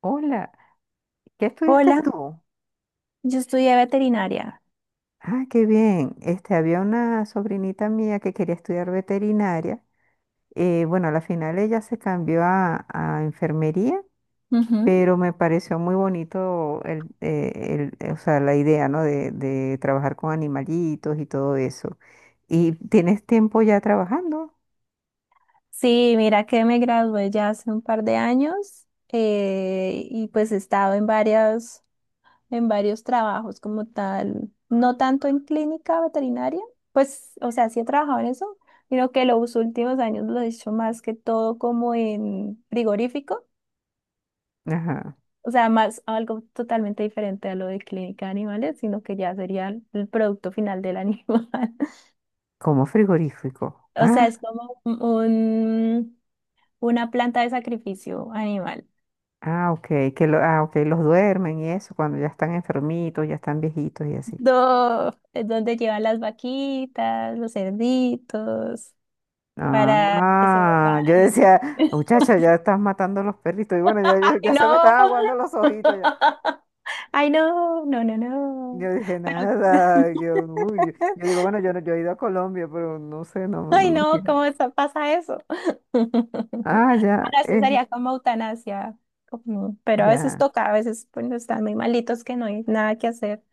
Hola, ¿qué estudiaste Hola, tú? yo estudié veterinaria. Ah, qué bien. Había una sobrinita mía que quería estudiar veterinaria. Bueno, a la final ella se cambió a enfermería, Ujú. pero me pareció muy bonito o sea, la idea, ¿no? De trabajar con animalitos y todo eso. ¿Y tienes tiempo ya trabajando? Sí, mira que me gradué ya hace un par de años y pues he estado en varias, en varios trabajos como tal, no tanto en clínica veterinaria, pues, o sea, sí he trabajado en eso, sino que los últimos años lo he hecho más que todo como en frigorífico, Ajá. o sea, más algo totalmente diferente a lo de clínica de animales, sino que ya sería el producto final del animal. Como frigorífico. O sea, Ah, es como un una planta de sacrificio animal. ah, ok. Que lo, ah, ok, los duermen y eso, cuando ya están enfermitos, ya están viejitos y así. No, es donde llevan las vaquitas, los cerditos, para que se Ah, yo vuelvan. decía, muchacha, ya estás matando los perritos. Y bueno, ya, yo, ¡Ay, ya se me no! estaban aguando los ojitos. Ya. ¡Ay, no! No, no, no. Yo dije, Pero, nada, yo, uy, yo digo, bueno, yo, no- yo he ido a Colombia, pero no sé, no, no ¡ay, me no! fijo. ¿Cómo está- pasa eso? Ah, ya, Ahora, eso es, sería como eutanasia. Ujú. Pero a veces ya, toca, a veces pues están muy malitos que no hay nada que hacer,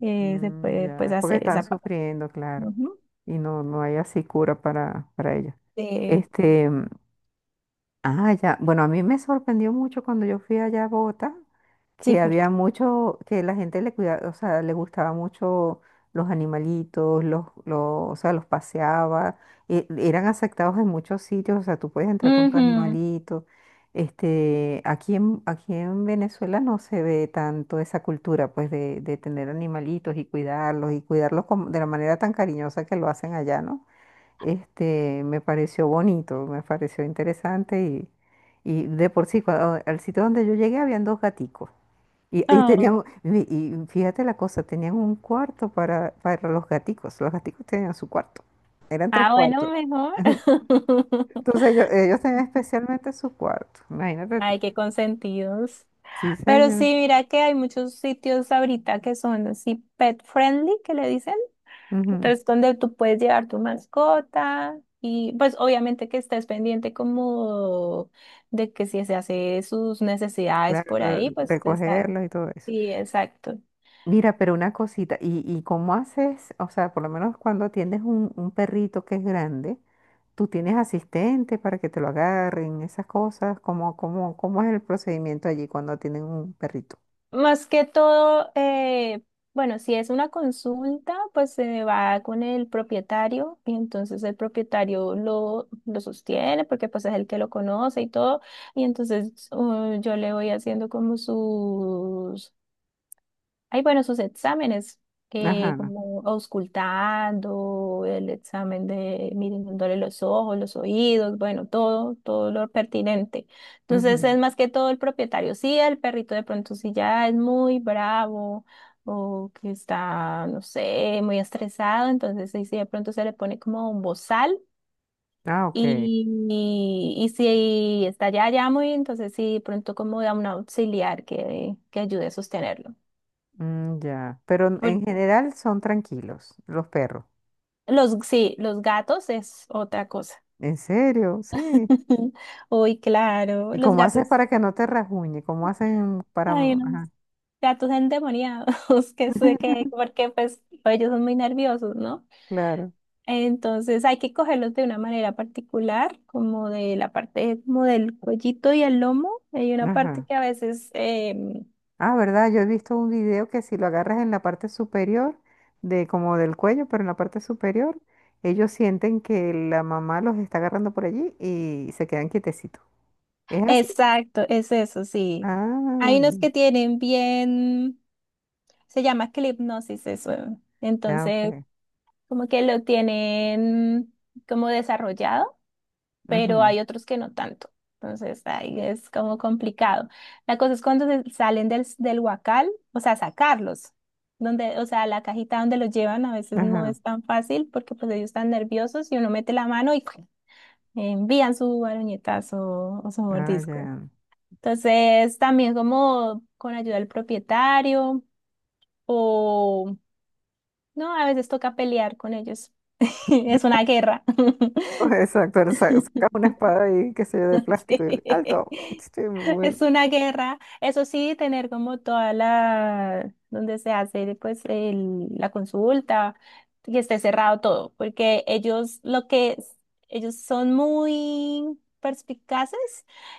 se mm, puede pues ya, porque hacer están esa parte. sufriendo, claro, Ujú. y no, no hay así cura para ellos. Eh, Este, Ah, ya. Bueno, a mí me sorprendió mucho cuando yo fui allá a Bogotá, sí, que había porque mucho, que la gente le cuidaba, o sea, le gustaba mucho los animalitos, o sea, los paseaba, eran aceptados en muchos sitios, o sea, tú puedes entrar con tu ujú. animalito. Aquí en, aquí en Venezuela no se ve tanto esa cultura, pues, de tener animalitos y cuidarlos, y cuidarlos de la manera tan cariñosa que lo hacen allá, ¿no? Este, me pareció bonito, me pareció interesante y de por sí, al sitio donde yo llegué habían dos gaticos y, y Ah, tenían, y y fíjate la cosa, tenían un cuarto para los gaticos tenían su cuarto, eran tres ah, cuartos, bueno, mejor. entonces ellos tenían especialmente su cuarto, imagínate tú. Ay, qué consentidos. Sí, Pero señor. sí, mira que hay muchos sitios ahorita que son así pet friendly, que le dicen. Ujú. Entonces, donde tú puedes llevar tu mascota y pues obviamente que estés pendiente como de que si se hace sus necesidades Claro, por ahí, pues estar. recogerlos y todo eso. Sí, exacto. Mira, pero una cosita, y cómo haces? O sea, por lo menos cuando atiendes un perrito que es grande, ¿tú tienes asistente para que te lo agarren, esas cosas? ¿Cómo es el procedimiento allí cuando tienen un perrito? Más que todo, bueno, si es una consulta, pues se va con el propietario y entonces el propietario lo sostiene porque pues es el que lo conoce y todo. Y entonces yo le voy haciendo como sus hay, bueno, sus exámenes, Ajá. como auscultando, el examen de mirándole los ojos, los oídos, bueno, todo, todo lo pertinente. Entonces Ujú. es más que todo el propietario. Sí, el perrito de pronto si ya es muy bravo o que está, no sé, muy estresado, entonces ahí sí de pronto se le pone como un bozal. Ah, ok. Y, y si está ya, ya muy, entonces sí, de pronto como da un auxiliar que ayude a sostenerlo. Mm, ya. Pero en general son tranquilos los perros. Los, sí, los gatos es otra cosa. ¿En serio? Sí. Uy, claro, ¿Y los cómo haces gatos, para que no te rasguñe? ¿Cómo hacen para...? ay unos Ajá. gatos endemoniados, que sé que, porque pues ellos son muy nerviosos, ¿no? Claro. Entonces hay que cogerlos de una manera particular, como de la parte, como del cuellito y el lomo. Hay una parte Ajá. que a veces, Ah, ¿verdad? Yo he visto un video que si lo agarras en la parte superior, de como del cuello, pero en la parte superior, ellos sienten que la mamá los está agarrando por allí y se quedan quietecitos. ¿Es así? exacto, es eso, sí. Ah, Hay unos que tienen bien, se llama clipnosis eso. ya. Entonces Ok. como que lo tienen como desarrollado, pero Ujú, hay otros que no tanto. Entonces ahí es como complicado. La cosa es cuando se- salen del, del huacal, o sea, sacarlos. Donde, o sea, la cajita donde los llevan a veces no Ajá. es tan fácil porque pues ellos están nerviosos y uno mete la mano y ¡cuac! Envían su baroñetazo o su Ah, mordisco. ya. Entonces, también como con ayuda del propietario o, no, a veces toca pelear con ellos. Es una guerra. Exacto, sacas una espada ahí, qué sé yo, de plástico y Sí. alto. Sí, muy Es bueno. una guerra. Eso sí, tener como toda la, donde se hace pues el- la consulta, que esté cerrado todo, porque ellos lo que, es- ellos son muy perspicaces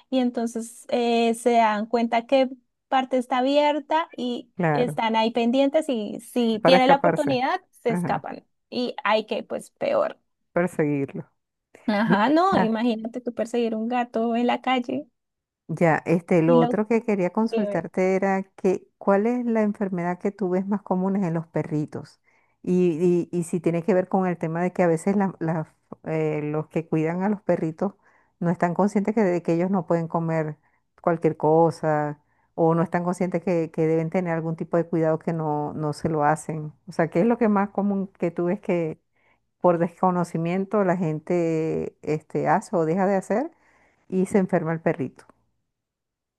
y entonces se dan cuenta qué parte está abierta y Claro, están ahí pendientes y si para tiene la escaparse. oportunidad, se Ajá, escapan. Y hay que, pues, peor. perseguirlo. Ajá, no, Mira, imagínate tú perseguir un gato en la calle. ya, lo otro que quería Debe. consultarte era que, ¿cuál es la enfermedad que tú ves más común en los perritos? Y si tiene que ver con el tema de que a veces los que cuidan a los perritos no están conscientes que, de que ellos no pueden comer cualquier cosa o no están conscientes que deben tener algún tipo de cuidado que no, no se lo hacen. O sea, ¿qué es lo que más común que tú ves que por desconocimiento la gente hace o deja de hacer y se enferma el perrito?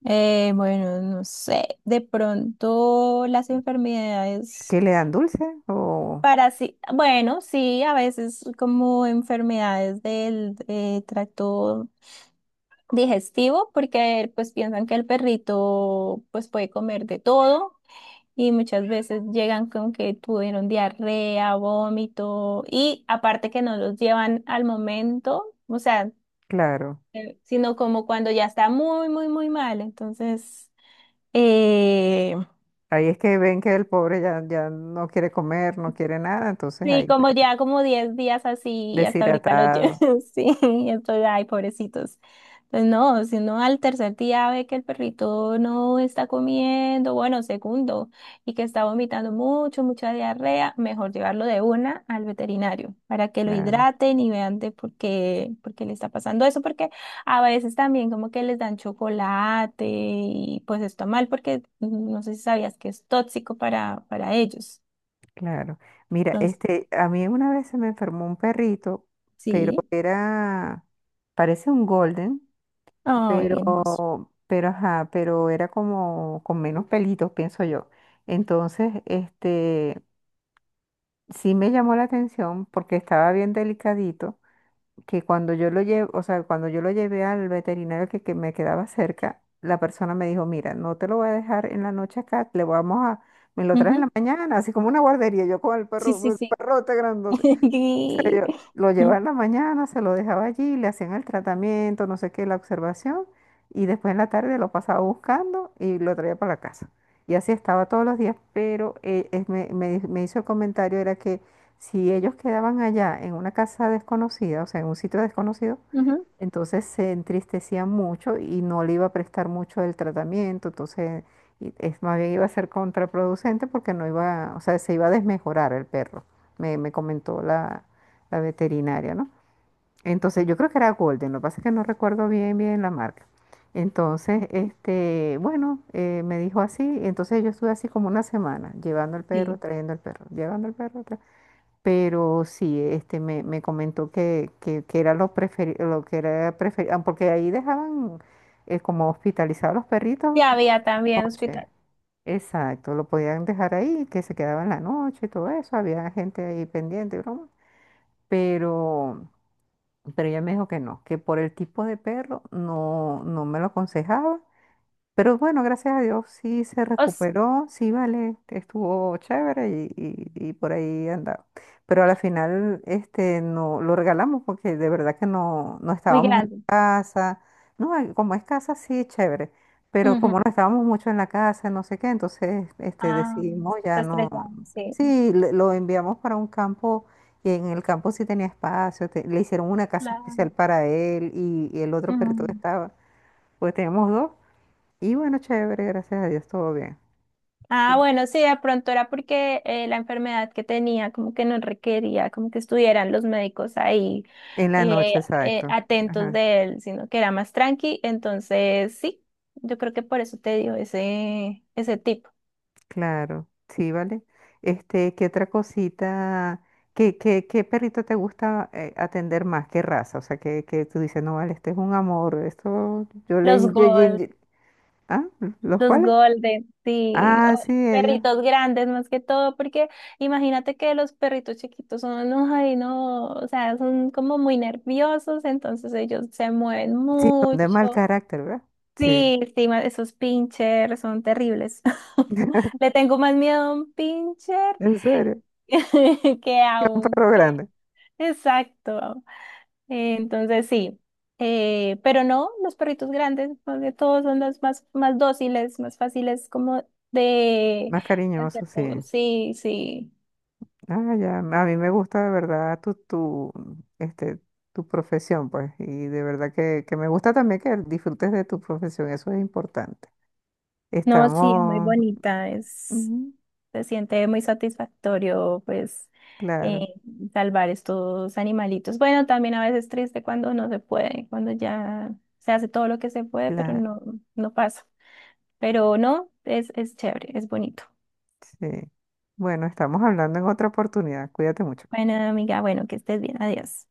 Bueno, no sé, de pronto las enfermedades ¿Qué le dan dulce? O parasi- bueno, sí, a veces como enfermedades del tracto digestivo, porque pues piensan que el perrito pues puede comer de todo y muchas veces llegan con que tuvieron diarrea, vómito y aparte que no los llevan al momento, o sea, claro. Sino como cuando ya está muy, muy, muy mal, entonces... Eh, Ahí es que ven que el pobre ya, ya no quiere comer, no quiere nada, entonces Sí, ahí fue como ya como 10 días así, y hasta ahorita lo llevo. deshidratado. Sí, estoy, ay, pobrecitos. Pues no, si uno al tercer día ve que el perrito no está comiendo, bueno, segundo, y que está vomitando mucho, mucha diarrea, mejor llevarlo de una al veterinario para que lo Claro, hidraten y vean de por qué le está pasando eso, porque a veces también como que les dan chocolate y pues está mal porque mm, no sé si sabías que es tóxico para ellos. claro. Mira, Entonces, a mí una vez se me enfermó un perrito, pero sí. era, parece un golden, Ay, hermoso. pero ajá, pero era como con menos pelitos, pienso yo. Entonces, sí me llamó la atención porque estaba bien delicadito. Que cuando yo lo llevo, o sea, cuando yo lo llevé al veterinario que me quedaba cerca, la persona me dijo, mira, no te lo voy a dejar en la noche acá, le vamos a, me lo traes en Ujú. la mañana, así como una guardería, yo con el Sí, perro, sí, el sí. perrote grandote. Y- Lo llevaba en la mañana, se lo dejaba allí, le hacían el tratamiento, no sé qué, la observación, y después en la tarde lo pasaba buscando y lo traía para la casa. Y así estaba todos los días, pero me hizo el comentario, era que si ellos quedaban allá en una casa desconocida, o sea, en un sitio desconocido, ujú, entonces se entristecía mucho y no le iba a prestar mucho el tratamiento, entonces y es más bien iba a ser contraproducente porque no iba, o sea, se iba a desmejorar el perro, me comentó la veterinaria, ¿no? Entonces yo creo que era Golden, lo que pasa es que no recuerdo bien bien la marca. Entonces, bueno, me dijo así, entonces yo estuve así como una semana, llevando el perro, sí. trayendo el perro, llevando el perro, pero sí, me comentó que era lo preferido, lo que era preferido, porque ahí dejaban como hospitalizados los perritos Ya había también noche. hospital. Exacto, lo podían dejar ahí, que se quedaban la noche y todo eso, había gente ahí pendiente, y broma. Pero, pero ella me dijo que no, que por el tipo de perro no, no me lo aconsejaba pero bueno, gracias a Dios sí se Os- recuperó, sí vale, estuvo chévere y, y por ahí andaba. Pero a la final no lo regalamos porque de verdad que no, no muy estábamos en grande. casa. No, como es casa sí, chévere, pero Ujú. como no estábamos mucho en la casa, no sé qué, entonces Ah, decidimos está ya no. estresado, sí. Sí, lo enviamos para un campo y en el campo sí tenía espacio, le hicieron una casa especial Claro. para él y el otro perrito que Ujú. estaba, pues teníamos dos. Y bueno, chévere, gracias a Dios, todo bien. Ah, Eh, bueno, sí, de pronto era porque la enfermedad que tenía como que no requería como que estuvieran los médicos ahí En la eh, noche, exacto. atentos Ajá, de él, sino que era más tranqui. Entonces, sí, yo creo que por eso te dio ese, ese tipo. claro, sí, vale. Este, ¿qué otra cosita? ¿Qué, qué, qué perrito te gusta atender más? ¿Qué raza? O sea, que tú dices, no, vale, este es un amor, esto yo le... Los golpes. ¿Ah? ¿Los Los cuales? golden, sí, Ah, o sí, ellos. perritos grandes más que todo, porque imagínate que los perritos chiquitos son, no, ay, no, o sea, son como muy nerviosos, entonces ellos se mueven Sí, son de mal mucho. carácter, ¿verdad? Sí, Sí, sí, ma- esos pincher son terribles. Le tengo más miedo a un pincher en serio, que a un... perro grande, Exacto. Entonces sí, pero no, los perritos grandes, porque todos son los más, más dóciles, más fáciles como de más hacer cariñoso, todo. sí. Sí, sí. Ah, ya, a mí me gusta de verdad este, tu profesión, pues, y de verdad que me gusta también que disfrutes de tu profesión, eso es importante. No, sí, es muy Estamos, bonita, es, ujú, se siente muy satisfactorio, pues, claro, eh, salvar estos animalitos. Bueno, también a veces triste cuando no se puede, cuando ya se hace todo lo que se puede, pero claro, no, no pasa. Pero no, es chévere, es bonito. sí. Bueno, estamos hablando en otra oportunidad, cuídate mucho. Bueno, amiga, bueno, que estés bien, adiós.